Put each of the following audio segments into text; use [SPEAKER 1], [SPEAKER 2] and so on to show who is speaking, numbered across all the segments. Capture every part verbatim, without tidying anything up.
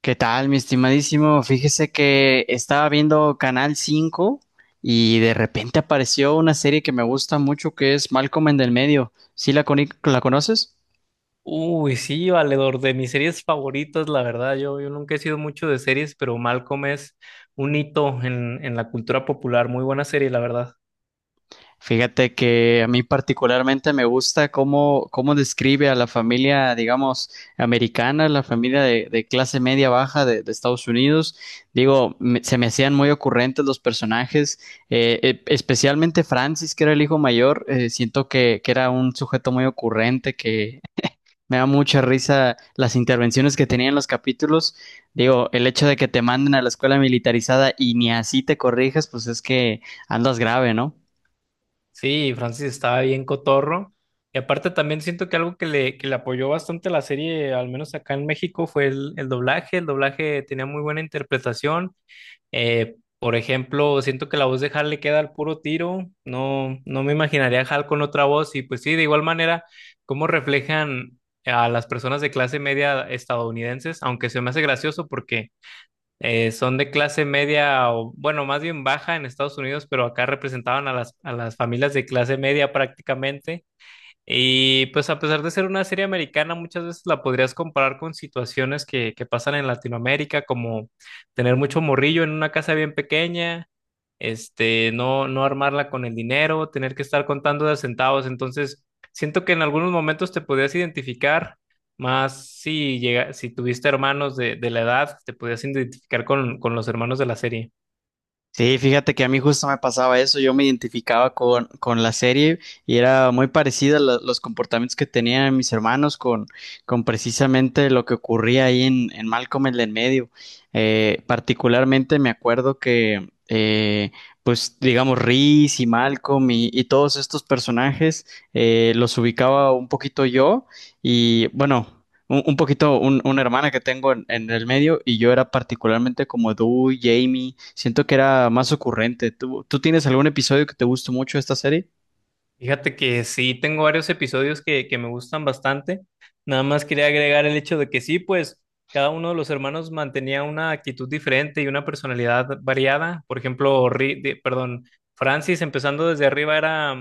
[SPEAKER 1] ¿Qué tal, mi estimadísimo? Fíjese que estaba viendo Canal cinco y de repente apareció una serie que me gusta mucho que es Malcolm en el medio. ¿Sí la, coni- la conoces?
[SPEAKER 2] Uy, sí, valedor, de mis series favoritas, la verdad, yo, yo nunca he sido mucho de series, pero Malcolm es un hito en, en la cultura popular, muy buena serie, la verdad.
[SPEAKER 1] Fíjate que a mí particularmente me gusta cómo, cómo describe a la familia, digamos, americana, la familia de, de clase media baja de, de Estados Unidos. Digo, me- se me hacían muy ocurrentes los personajes, eh, e- especialmente Francis, que era el hijo mayor. Eh, siento que, que era un sujeto muy ocurrente, que me da mucha risa las intervenciones que tenía en los capítulos. Digo, el hecho de que te manden a la escuela militarizada y ni así te corrijas, pues es que andas grave, ¿no?
[SPEAKER 2] Sí, Francis estaba bien cotorro. Y aparte también siento que algo que le, que le apoyó bastante la serie, al menos acá en México, fue el, el doblaje. El doblaje tenía muy buena interpretación. Eh, por ejemplo, siento que la voz de Hal le queda al puro tiro. No, no me imaginaría a Hal con otra voz. Y pues sí, de igual manera, cómo reflejan a las personas de clase media estadounidenses, aunque se me hace gracioso porque eh, son de clase media, o bueno, más bien baja en Estados Unidos, pero acá representaban a las, a las familias de clase media prácticamente. Y pues a pesar de ser una serie americana, muchas veces la podrías comparar con situaciones que, que pasan en Latinoamérica, como tener mucho morrillo en una casa bien pequeña, este, no, no armarla con el dinero, tener que estar contando de centavos. Entonces, siento que en algunos momentos te podías identificar, más si llega, si tuviste hermanos de, de la edad, te podías identificar con, con los hermanos de la serie.
[SPEAKER 1] Sí, fíjate que a mí justo me pasaba eso, yo me identificaba con, con la serie y era muy parecida la- los comportamientos que tenían mis hermanos con, con precisamente lo que ocurría ahí en, en Malcolm el del medio. Eh, particularmente me acuerdo que, eh, pues digamos, Reese y Malcolm y, y todos estos personajes eh, los ubicaba un poquito yo y bueno. Un, un poquito, un- una hermana que tengo en, en el medio y yo era particularmente como Du, Jamie, siento que era más ocurrente. ¿Tú, tú tienes algún episodio que te gustó mucho de esta serie?
[SPEAKER 2] Fíjate que sí, tengo varios episodios que, que me gustan bastante. Nada más quería agregar el hecho de que sí, pues cada uno de los hermanos mantenía una actitud diferente y una personalidad variada. Por ejemplo, Ri- de- perdón, Francis empezando desde arriba era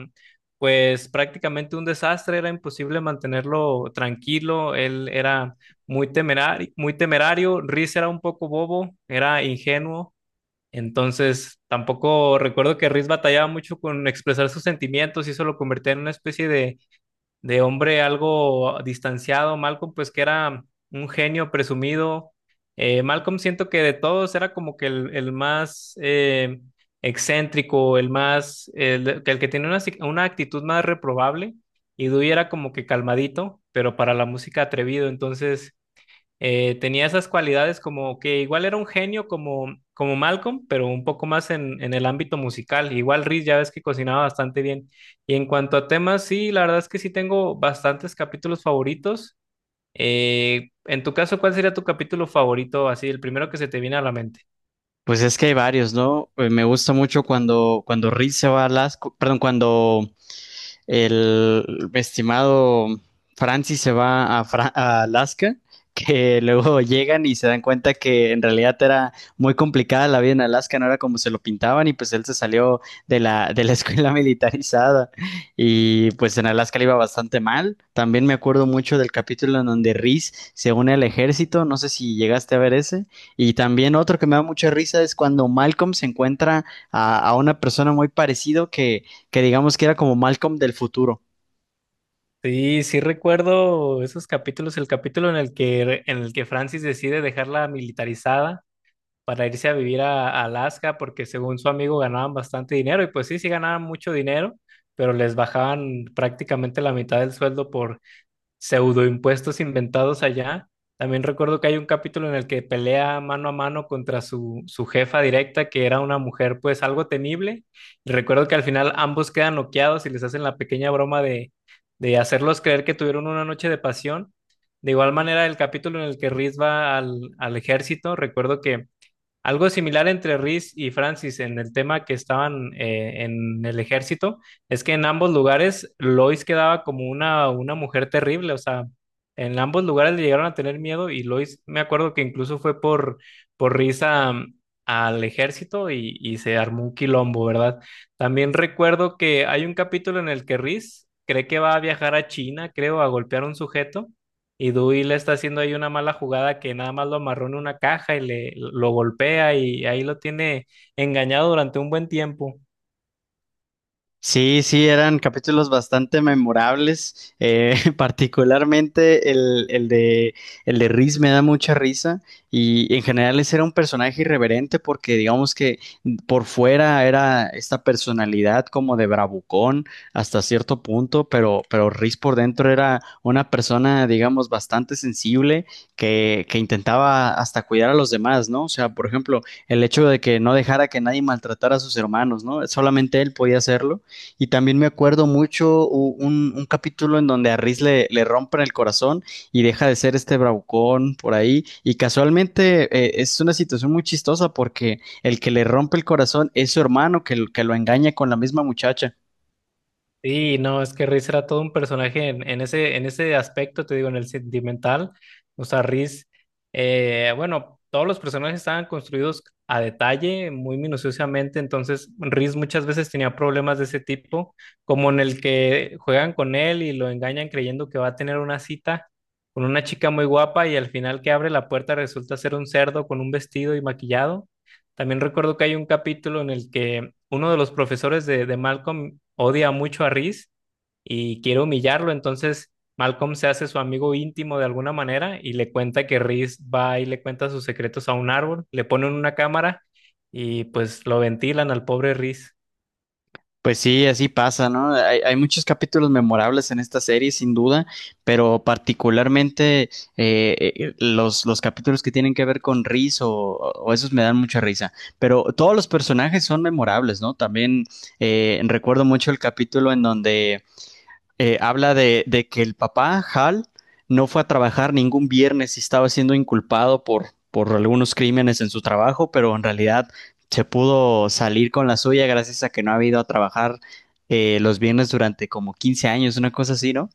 [SPEAKER 2] pues prácticamente un desastre, era imposible mantenerlo tranquilo, él era muy temerario, muy temerario. Riz era un poco bobo, era ingenuo. Entonces, tampoco recuerdo que Riz batallaba mucho con expresar sus sentimientos y eso lo convertía en una especie de, de hombre algo distanciado. Malcolm, pues, que era un genio presumido. Eh, Malcolm siento que de todos era como que el, el más eh, excéntrico, el más, el, el que tenía una, si- una actitud más reprobable. Y Dewey era como que calmadito, pero para la música atrevido. Entonces, eh, tenía esas cualidades como que igual era un genio como, como Malcolm, pero un poco más en, en el ámbito musical. Igual Riz ya ves que cocinaba bastante bien. Y en cuanto a temas, sí, la verdad es que sí tengo bastantes capítulos favoritos. Eh, en tu caso, ¿cuál sería tu capítulo favorito? Así, el primero que se te viene a la mente.
[SPEAKER 1] Pues es que hay varios, ¿no? Eh, Me gusta mucho cuando, cuando Reed se va a Alaska, perdón, cuando el estimado Francis se va a, Fra- a Alaska, que luego llegan y se dan cuenta que en realidad era muy complicada la vida en Alaska, no era como se lo pintaban y pues él se salió de la, de la escuela militarizada y pues en Alaska le iba bastante mal. También me acuerdo mucho del capítulo en donde Reese se une al ejército, no sé si llegaste a ver ese. Y también otro que me da mucha risa es cuando Malcolm se encuentra a, a una persona muy parecido que que digamos que era como Malcolm del futuro.
[SPEAKER 2] Sí, sí recuerdo esos capítulos, el capítulo en el que, en el que Francis decide dejarla militarizada para irse a vivir a, a Alaska porque según su amigo ganaban bastante dinero y pues sí, sí ganaban mucho dinero, pero les bajaban prácticamente la mitad del sueldo por pseudoimpuestos inventados allá. También recuerdo que hay un capítulo en el que pelea mano a mano contra su, su jefa directa, que era una mujer pues algo temible. Y recuerdo que al final ambos quedan noqueados y les hacen la pequeña broma de, de hacerlos creer que tuvieron una noche de pasión. De igual manera, el capítulo en el que Riz va al, al ejército, recuerdo que algo similar entre Reese y Francis en el tema que estaban eh, en el ejército, es que en ambos lugares Lois quedaba como una, una mujer terrible, o sea, en ambos lugares le llegaron a tener miedo y Lois, me acuerdo que incluso fue por, por Reese a- al ejército y, y se armó un quilombo, ¿verdad? También recuerdo que hay un capítulo en el que Reese cree que va a viajar a China, creo, a golpear a un sujeto. Y Dewey le está haciendo ahí una mala jugada, que nada más lo amarró en una caja y le lo golpea y ahí lo tiene engañado durante un buen tiempo.
[SPEAKER 1] Sí, sí, eran capítulos bastante memorables, eh, particularmente el, el de, el de Riz me da mucha risa y en general ese era un personaje irreverente porque digamos que por fuera era esta personalidad como de bravucón hasta cierto punto, pero, pero Riz por dentro era una persona, digamos, bastante sensible que, que intentaba hasta cuidar a los demás, ¿no? O sea, por ejemplo, el hecho de que no dejara que nadie maltratara a sus hermanos, ¿no? Solamente él podía hacerlo. Y también me acuerdo mucho u- un, un capítulo en donde a Riz le, le rompen el corazón y deja de ser este bravucón por ahí. Y casualmente eh, es una situación muy chistosa porque el que le rompe el corazón es su hermano que, lo- que lo engaña con la misma muchacha.
[SPEAKER 2] Sí, no, es que Riz era todo un personaje en, en ese, en ese aspecto, te digo, en el sentimental. O sea, Riz, eh, bueno, todos los personajes estaban construidos a detalle, muy minuciosamente, entonces Riz muchas veces tenía problemas de ese tipo, como en el que juegan con él y lo engañan creyendo que va a tener una cita con una chica muy guapa y al final que abre la puerta resulta ser un cerdo con un vestido y maquillado. También recuerdo que hay un capítulo en el que uno de los profesores de, de Malcolm odia mucho a Reese y quiere humillarlo, entonces Malcolm se hace su amigo íntimo de alguna manera y le cuenta que Reese va y le cuenta sus secretos a un árbol, le ponen una cámara y pues lo ventilan al pobre Reese.
[SPEAKER 1] Pues sí, así pasa, ¿no? Hay, hay muchos capítulos memorables en esta serie, sin duda, pero particularmente eh, eh, los, los capítulos que tienen que ver con Riz o, o esos me dan mucha risa. Pero todos los personajes son memorables, ¿no? También eh, recuerdo mucho el capítulo en donde eh, habla de, de, que el papá, Hal, no fue a trabajar ningún viernes y estaba siendo inculpado por, por algunos crímenes en su trabajo, pero en realidad se pudo salir con la suya gracias a que no ha ido a trabajar eh, los viernes durante como quince años, una cosa así, ¿no?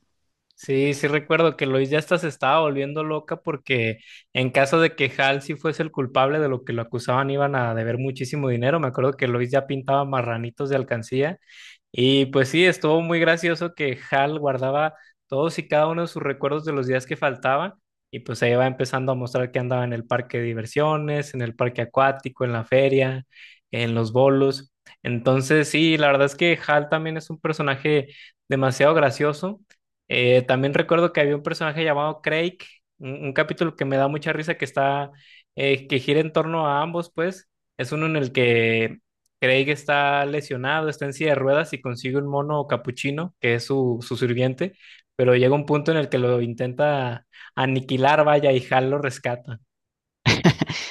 [SPEAKER 2] Sí, sí recuerdo que Lois ya hasta se estaba volviendo loca porque en caso de que Hal sí fuese el culpable de lo que lo acusaban iban a deber muchísimo dinero. Me acuerdo que Lois ya pintaba marranitos de alcancía. Y pues sí, estuvo muy gracioso que Hal guardaba todos y cada uno de sus recuerdos de los días que faltaban y pues ahí va empezando a mostrar que andaba en el parque de diversiones, en el parque acuático, en la feria, en los bolos. Entonces sí, la verdad es que Hal también es un personaje demasiado gracioso. Eh, también recuerdo que había un personaje llamado Craig, un, un capítulo que me da mucha risa que está, eh, que gira en torno a ambos, pues. Es uno en el que Craig está lesionado, está en silla de ruedas y consigue un mono capuchino, que es su, su sirviente, pero llega un punto en el que lo intenta aniquilar, vaya, y Hal lo rescata.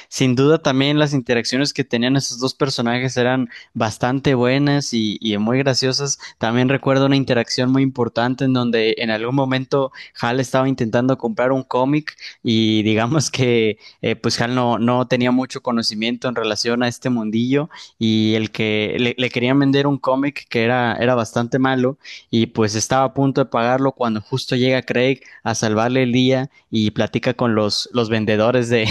[SPEAKER 1] Sin duda también las interacciones que tenían esos dos personajes eran bastante buenas y, y muy graciosas. También recuerdo una interacción muy importante en donde en algún momento Hal estaba intentando comprar un cómic y digamos que eh, pues Hal no, no tenía mucho conocimiento en relación a este mundillo y el que le, le querían vender un cómic que era, era bastante malo y pues estaba a punto de pagarlo cuando justo llega Craig a salvarle el día y platica con los, los vendedores de,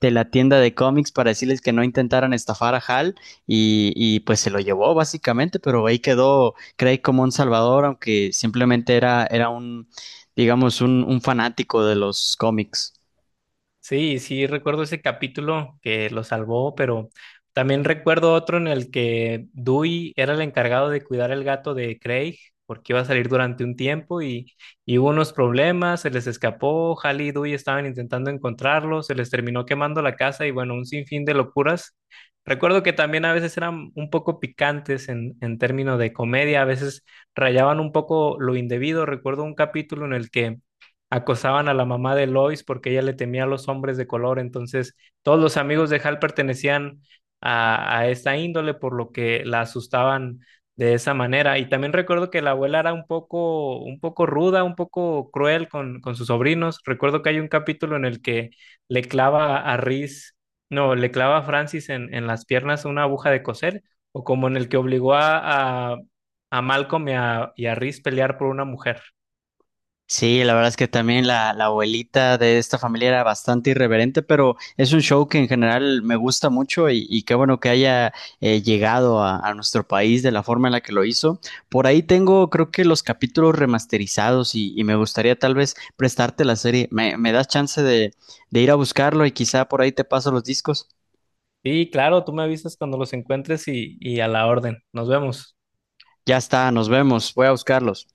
[SPEAKER 1] de la tienda de cómics para decirles que no intentaran estafar a Hal y, y pues se lo llevó básicamente, pero ahí quedó Craig como un salvador, aunque simplemente era, era un, digamos, un, un fanático de los cómics.
[SPEAKER 2] Sí, sí, recuerdo ese capítulo que lo salvó, pero también recuerdo otro en el que Dewey era el encargado de cuidar el gato de Craig, porque iba a salir durante un tiempo y, y hubo unos problemas, se les escapó, Hal y Dewey estaban intentando encontrarlo, se les terminó quemando la casa y bueno, un sinfín de locuras. Recuerdo que también a veces eran un poco picantes en, en términos de comedia, a veces rayaban un poco lo indebido. Recuerdo un capítulo en el que acosaban a la mamá de Lois porque ella le temía a los hombres de color. Entonces, todos los amigos de Hal pertenecían a, a esta índole, por lo que la asustaban de esa manera. Y también recuerdo que la abuela era un poco, un poco ruda, un poco cruel con, con sus sobrinos. Recuerdo que hay un capítulo en el que le clava a Riz, no, le clava a Francis en, en las piernas una aguja de coser, o como en el que obligó a, a, a Malcolm y a, y a Riz pelear por una mujer.
[SPEAKER 1] Sí, la verdad es que también la, la abuelita de esta familia era bastante irreverente, pero es un show que en general me gusta mucho y, y qué bueno que haya eh, llegado a, a nuestro país de la forma en la que lo hizo. Por ahí tengo, creo que los capítulos remasterizados y, y me gustaría tal vez prestarte la serie. ¿Me, me das chance de, de ir a buscarlo y quizá por ahí te paso los discos?
[SPEAKER 2] Sí, claro, tú me avisas cuando los encuentres y, y a la orden. Nos vemos.
[SPEAKER 1] Ya está, nos vemos, voy a buscarlos.